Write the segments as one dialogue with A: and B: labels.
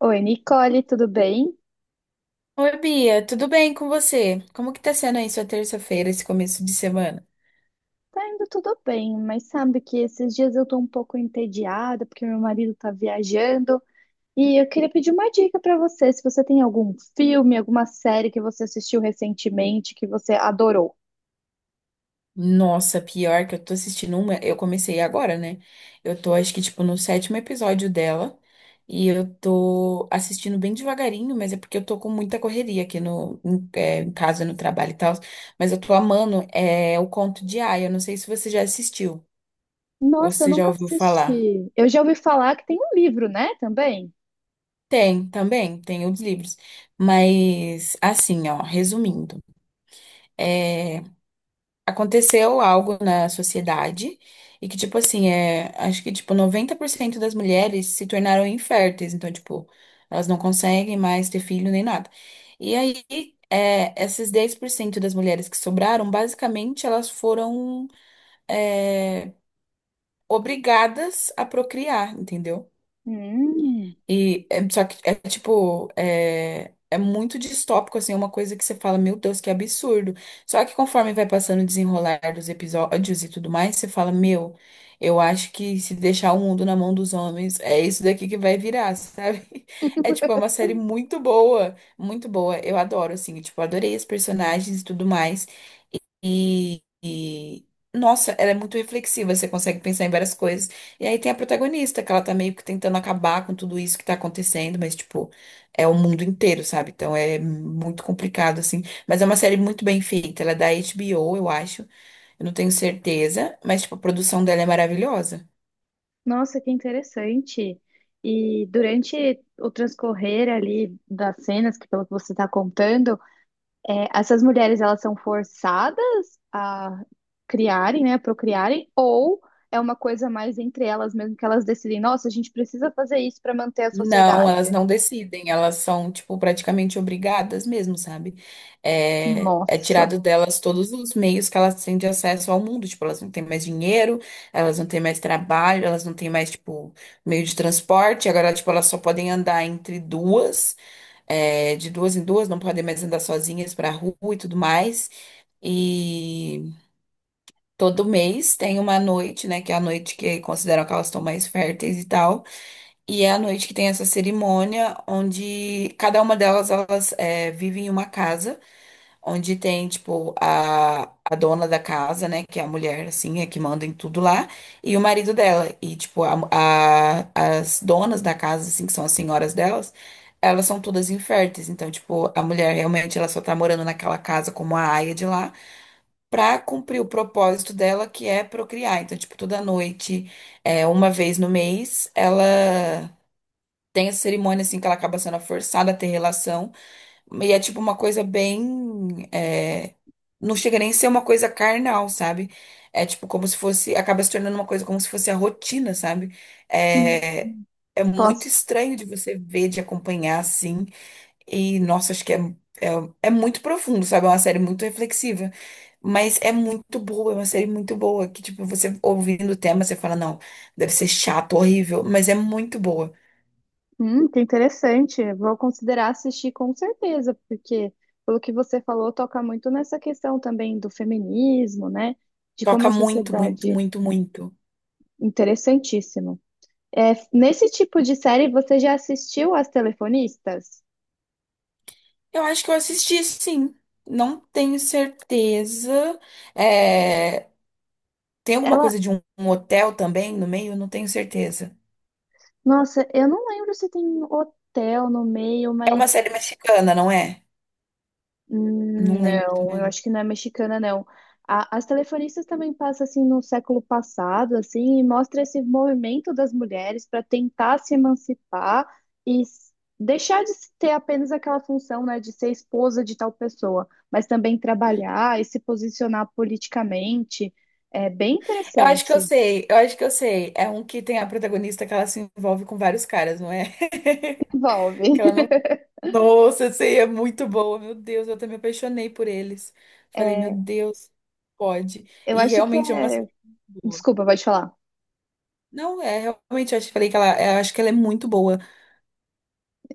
A: Oi, Nicole, tudo bem?
B: Oi, Bia, tudo bem com você? Como que tá sendo aí sua terça-feira, esse começo de semana?
A: Tá indo tudo bem, mas sabe que esses dias eu tô um pouco entediada porque meu marido tá viajando e eu queria pedir uma dica pra você, se você tem algum filme, alguma série que você assistiu recentemente que você adorou.
B: Nossa, pior que eu tô assistindo uma, eu comecei agora, né? Eu tô, acho que, tipo, no sétimo episódio dela, e eu tô assistindo bem devagarinho, mas é porque eu tô com muita correria aqui no, em, é, em casa, no trabalho e tal, mas eu tô amando, o Conto de Aia. Eu não sei se você já assistiu, ou se
A: Nossa, eu
B: você já
A: nunca
B: ouviu falar.
A: assisti. Eu já ouvi falar que tem um livro, né, também?
B: Tem, também, tem os livros, mas, assim, ó, resumindo, é... aconteceu algo na sociedade e que, tipo assim, acho que, tipo, 90% das mulheres se tornaram inférteis. Então, tipo, elas não conseguem mais ter filho nem nada. E aí, esses 10% das mulheres que sobraram, basicamente, elas foram, é, obrigadas a procriar, entendeu?
A: Hum,
B: E só que é tipo, é muito distópico, assim, é uma coisa que você fala, meu Deus, que absurdo. Só que conforme vai passando o desenrolar dos episódios e tudo mais, você fala, meu, eu acho que se deixar o mundo na mão dos homens, é isso daqui que vai virar, sabe? É tipo, é uma série muito boa, muito boa. Eu adoro, assim, tipo, adorei os personagens e tudo mais. E, e- Nossa, ela é muito reflexiva, você consegue pensar em várias coisas. E aí tem a protagonista, que ela tá meio que tentando acabar com tudo isso que tá acontecendo, mas, tipo, é o mundo inteiro, sabe? Então é muito complicado, assim. Mas é uma série muito bem feita, ela é da HBO, eu acho. Eu não tenho certeza, mas, tipo, a produção dela é maravilhosa.
A: nossa, que interessante. E durante o transcorrer ali das cenas, que pelo que você está contando, é, essas mulheres, elas são forçadas a criarem, né, procriarem, ou é uma coisa mais entre elas mesmo que elas decidem, nossa, a gente precisa fazer isso para manter a
B: Não, elas
A: sociedade.
B: não decidem, elas são, tipo, praticamente obrigadas mesmo, sabe? É, é
A: Nossa,
B: tirado delas todos os meios que elas têm de acesso ao mundo. Tipo, elas não têm mais dinheiro, elas não têm mais trabalho, elas não têm mais, tipo, meio de transporte. Agora, tipo, elas só podem andar entre de duas em duas, não podem mais andar sozinhas pra rua e tudo mais, e todo mês tem uma noite, né, que é a noite que consideram que elas estão mais férteis e tal, e é à noite que tem essa cerimônia, onde cada uma delas, elas vivem em uma casa, onde tem, tipo, a dona da casa, né, que é a mulher, assim, é que manda em tudo lá, e o marido dela. E, tipo, as donas da casa, assim, que são as senhoras delas, elas são todas inférteis. Então, tipo, a mulher realmente, ela só tá morando naquela casa como a aia de lá, pra cumprir o propósito dela, que é procriar. Então, tipo, toda noite, uma vez no mês, ela tem essa cerimônia, assim, que ela acaba sendo forçada a ter relação. E é tipo uma coisa bem. Não chega nem a ser uma coisa carnal, sabe? É tipo como se fosse. Acaba se tornando uma coisa como se fosse a rotina, sabe?
A: hum,
B: É, é muito
A: posso.
B: estranho de você ver, de acompanhar, assim. E, nossa, acho que é, é muito profundo, sabe? É uma série muito reflexiva. Mas é muito boa, é uma série muito boa. Que, tipo, você ouvindo o tema, você fala, não, deve ser chato, horrível, mas é muito boa.
A: Que interessante. Vou considerar assistir com certeza, porque pelo que você falou, toca muito nessa questão também do feminismo, né? De como
B: Toca
A: a
B: muito, muito,
A: sociedade.
B: muito, muito.
A: Interessantíssimo. É, nesse tipo de série, você já assistiu As Telefonistas?
B: Eu acho que eu assisti, sim. Não tenho certeza. É, tem alguma
A: Ela
B: coisa de um hotel também no meio? Não tenho certeza.
A: Nossa, eu não lembro se tem hotel no meio,
B: É uma
A: mas
B: série mexicana, não é? Não lembro
A: não, eu
B: também.
A: acho que não é mexicana, não. As telefonistas também passam assim no século passado, assim, e mostra esse movimento das mulheres para tentar se emancipar e deixar de se ter apenas aquela função, né, de ser esposa de tal pessoa, mas também trabalhar e se posicionar politicamente. É bem
B: Eu acho que eu
A: interessante.
B: sei, eu acho que eu sei. É um que tem a protagonista que ela se envolve com vários caras, não é?
A: Envolve.
B: Que ela não. Nossa, essa aí é muito boa. Meu Deus, eu até me apaixonei por eles. Falei, meu
A: É,
B: Deus, pode.
A: eu
B: E
A: acho que
B: realmente é uma série
A: é.
B: boa.
A: Desculpa, pode falar.
B: Não, é, realmente, eu acho que falei que ela, eu acho que ela é muito boa.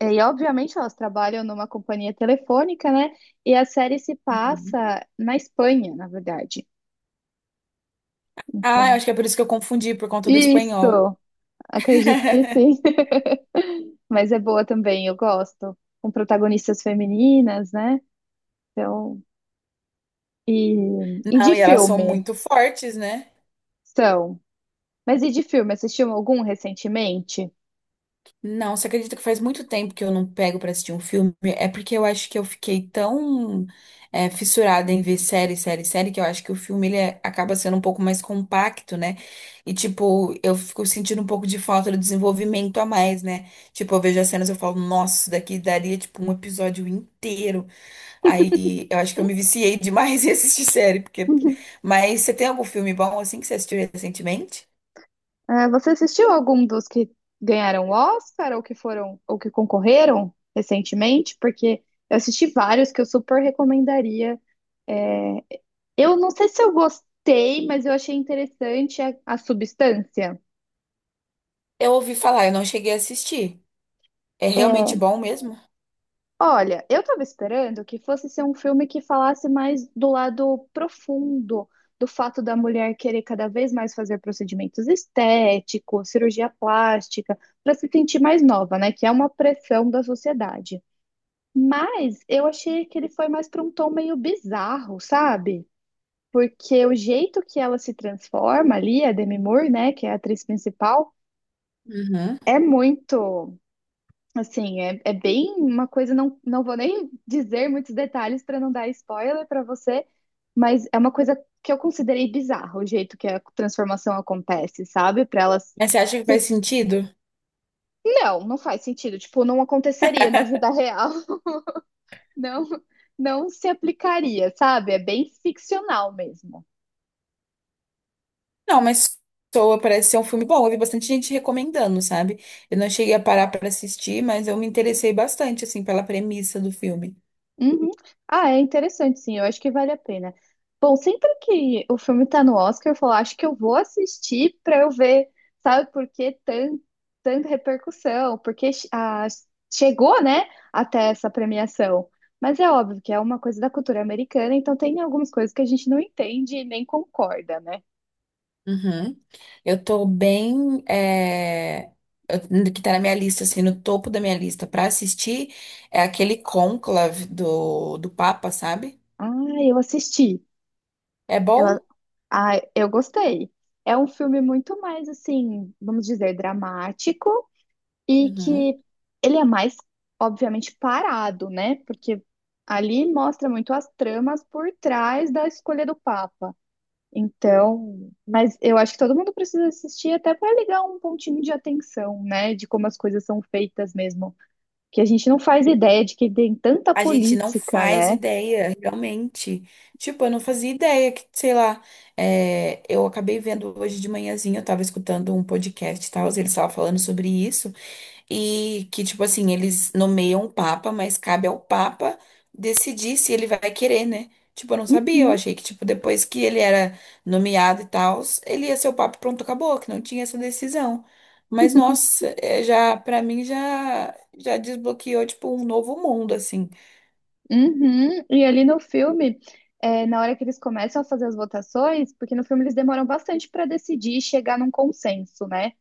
A: E obviamente elas trabalham numa companhia telefônica, né? E a série se
B: Uhum.
A: passa na Espanha, na verdade.
B: Ah, eu
A: Então,
B: acho que é por isso que eu confundi, por conta do espanhol.
A: isso, acredito que sim. Mas é boa também, eu gosto. Com protagonistas femininas, né? Então, e, e
B: Não,
A: de
B: e elas são
A: filme.
B: muito fortes, né?
A: São. Mas e de filme, assistiu algum recentemente?
B: Não, você acredita que faz muito tempo que eu não pego pra assistir um filme? É porque eu acho que eu fiquei tão fissurada em ver série, série, série, que eu acho que o filme ele acaba sendo um pouco mais compacto, né? E, tipo, eu fico sentindo um pouco de falta do desenvolvimento a mais, né? Tipo, eu vejo as cenas e eu falo, nossa, isso daqui daria, tipo, um episódio inteiro. Aí eu acho que eu me viciei demais em assistir série, porque. Mas você tem algum filme bom assim que você assistiu recentemente?
A: Ah, você assistiu algum dos que ganharam o Oscar ou que foram ou que concorreram recentemente? Porque eu assisti vários que eu super recomendaria. Eu não sei se eu gostei, mas eu achei interessante a substância.
B: Eu ouvi falar, eu não cheguei a assistir. É realmente
A: É,
B: bom mesmo?
A: olha, eu estava esperando que fosse ser um filme que falasse mais do lado profundo do fato da mulher querer cada vez mais fazer procedimentos estéticos, cirurgia plástica, para se sentir mais nova, né? Que é uma pressão da sociedade. Mas eu achei que ele foi mais para um tom meio bizarro, sabe? Porque o jeito que ela se transforma ali, a Demi Moore, né, que é a atriz principal.
B: Uhum.
A: É muito, assim, é bem uma coisa, não, não vou nem dizer muitos detalhes para não dar spoiler para você, mas é uma coisa que eu considerei bizarra, o jeito que a transformação acontece, sabe? Para elas,
B: Mas você acha que faz sentido?
A: não, não faz sentido, tipo, não aconteceria na vida real. Não, não se aplicaria, sabe? É bem ficcional mesmo.
B: Não, mas soa, parece ser um filme bom. Eu vi bastante gente recomendando, sabe? Eu não cheguei a parar para assistir, mas eu me interessei bastante, assim, pela premissa do filme.
A: Uhum. Ah, é interessante, sim. Eu acho que vale a pena. Bom, sempre que o filme tá no Oscar, eu falo, "Ah, acho que eu vou assistir pra eu ver, sabe, por que tanta repercussão, porque chegou, né, até essa premiação." Mas é óbvio que é uma coisa da cultura americana, então tem algumas coisas que a gente não entende e nem concorda, né?
B: Uhum. Eu tô bem. Eu- Que tá na minha lista, assim, no topo da minha lista pra assistir é aquele conclave do Papa, sabe?
A: Ah, eu assisti.
B: É
A: Eu,
B: bom?
A: eu gostei. É um filme muito mais, assim, vamos dizer, dramático. E
B: Uhum.
A: que ele é mais, obviamente, parado, né? Porque ali mostra muito as tramas por trás da escolha do Papa. Então, mas eu acho que todo mundo precisa assistir até para ligar um pontinho de atenção, né? De como as coisas são feitas mesmo, que a gente não faz ideia de que tem tanta
B: A gente não
A: política,
B: faz
A: né?
B: ideia, realmente. Tipo, eu não fazia ideia que, sei lá, eu acabei vendo hoje de manhãzinha, eu tava escutando um podcast e tal, eles estavam falando sobre isso. E que, tipo assim, eles nomeiam o Papa, mas cabe ao Papa decidir se ele vai querer, né? Tipo, eu não sabia, eu
A: Uhum.
B: achei que, tipo, depois que ele era nomeado e tal, ele ia ser o Papa e pronto, acabou, que não tinha essa decisão. Mas, nossa, é, já, pra mim, já, já desbloqueou, tipo, um novo mundo, assim.
A: Uhum. E ali no filme, é, na hora que eles começam a fazer as votações, porque no filme eles demoram bastante para decidir e chegar num consenso, né?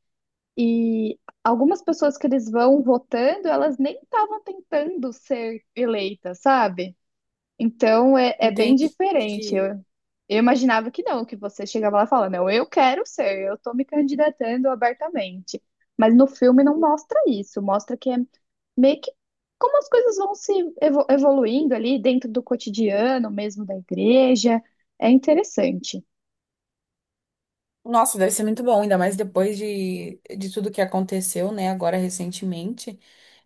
A: E algumas pessoas que eles vão votando, elas nem estavam tentando ser eleitas, sabe? Então é, é bem diferente.
B: Entendi.
A: Eu imaginava que não, que você chegava lá e falava, não, eu quero ser, eu tô me candidatando abertamente. Mas no filme não mostra isso, mostra que é meio que como as coisas vão se evoluindo ali dentro do cotidiano mesmo da igreja. É interessante.
B: Nossa, deve ser muito bom, ainda mais depois de tudo que aconteceu, né, agora recentemente.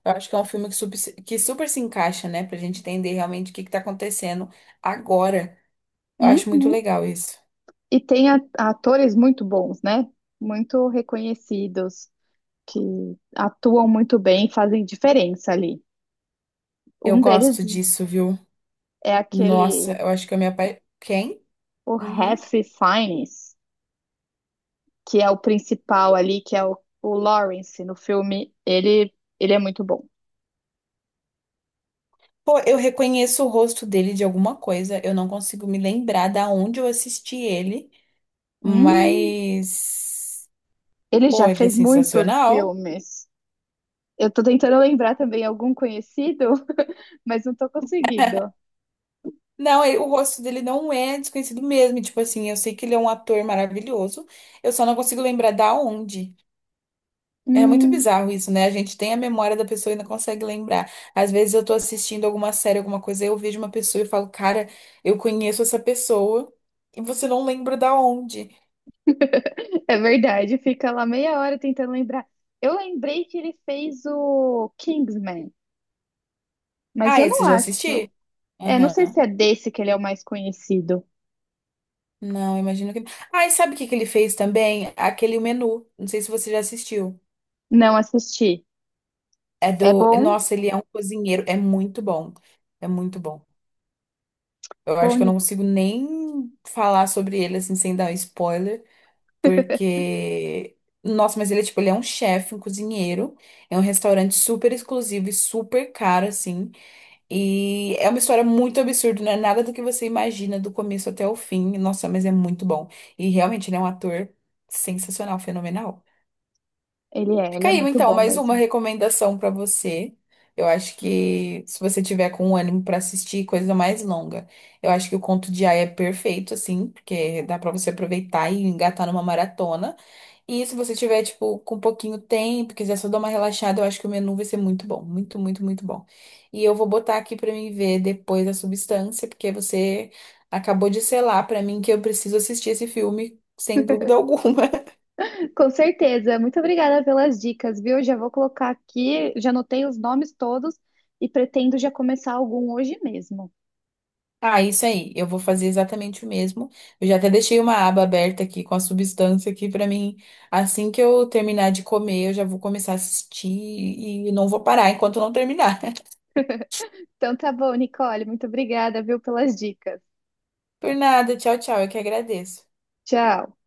B: Eu acho que é um filme que super se encaixa, né, pra gente entender realmente o que que tá acontecendo agora. Eu acho muito
A: Uhum.
B: legal isso.
A: E tem atores muito bons, né? Muito reconhecidos, que atuam muito bem, e fazem diferença ali.
B: Eu
A: Um deles
B: gosto disso, viu?
A: é
B: Nossa,
A: aquele,
B: eu acho que eu me apa... Quem?
A: o
B: Uhum.
A: Ralph Fiennes, que é o principal ali, que é o Lawrence no filme. Ele é muito bom.
B: Pô, eu reconheço o rosto dele de alguma coisa, eu não consigo me lembrar da onde eu assisti ele,
A: Hum,
B: mas.
A: ele
B: Pô,
A: já
B: ele é
A: fez muitos
B: sensacional.
A: filmes. Eu tô tentando lembrar também algum conhecido, mas não tô conseguindo.
B: Não, ele- o rosto dele não é desconhecido mesmo. Tipo assim, eu sei que ele é um ator maravilhoso, eu só não consigo lembrar da onde. É muito
A: Hum,
B: bizarro isso, né? A gente tem a memória da pessoa e não consegue lembrar. Às vezes eu tô assistindo alguma série, alguma coisa, eu vejo uma pessoa e falo, cara, eu conheço essa pessoa, e você não lembra da onde.
A: É verdade, fica lá meia hora tentando lembrar. Eu lembrei que ele fez o Kingsman, mas
B: Ah,
A: eu
B: esse
A: não
B: eu já
A: acho.
B: assisti?
A: É, não sei
B: Aham.
A: se é desse que ele é o mais conhecido.
B: Não, imagino que. Ah, e sabe o que que ele fez também? Aquele menu. Não sei se você já assistiu.
A: Não assisti.
B: É
A: É
B: do.
A: bom?
B: Nossa, ele é um cozinheiro. É muito bom. É muito bom. Eu acho que eu não
A: Bom,
B: consigo nem falar sobre ele assim sem dar um spoiler, porque nossa, mas ele é tipo, ele é um chefe, um cozinheiro, é um restaurante super exclusivo e super caro assim, e é uma história muito absurda, não é nada do que você imagina do começo até o fim. Nossa, mas é muito bom. E realmente ele é um ator sensacional, fenomenal.
A: ele é, ele
B: Fica
A: é
B: aí,
A: muito
B: então,
A: bom
B: mais uma
A: mesmo.
B: recomendação pra você. Eu acho que se você tiver com ânimo pra assistir coisa mais longa, eu acho que o Conto de Aia é perfeito, assim, porque dá pra você aproveitar e engatar numa maratona. E se você tiver, tipo, com um pouquinho tempo, quiser só dar uma relaxada, eu acho que o menu vai ser muito bom. Muito, muito, muito bom. E eu vou botar aqui pra mim ver depois a substância, porque você acabou de selar pra mim que eu preciso assistir esse filme, sem dúvida alguma.
A: Com certeza. Muito obrigada pelas dicas, viu? Já vou colocar aqui, já anotei os nomes todos e pretendo já começar algum hoje mesmo.
B: Ah, isso aí. Eu vou fazer exatamente o mesmo. Eu já até deixei uma aba aberta aqui com a substância aqui pra mim. Assim que eu terminar de comer, eu já vou começar a assistir e não vou parar enquanto não terminar.
A: Então tá bom, Nicole, muito obrigada, viu, pelas dicas.
B: Por nada. Tchau, tchau. Eu que agradeço.
A: Tchau.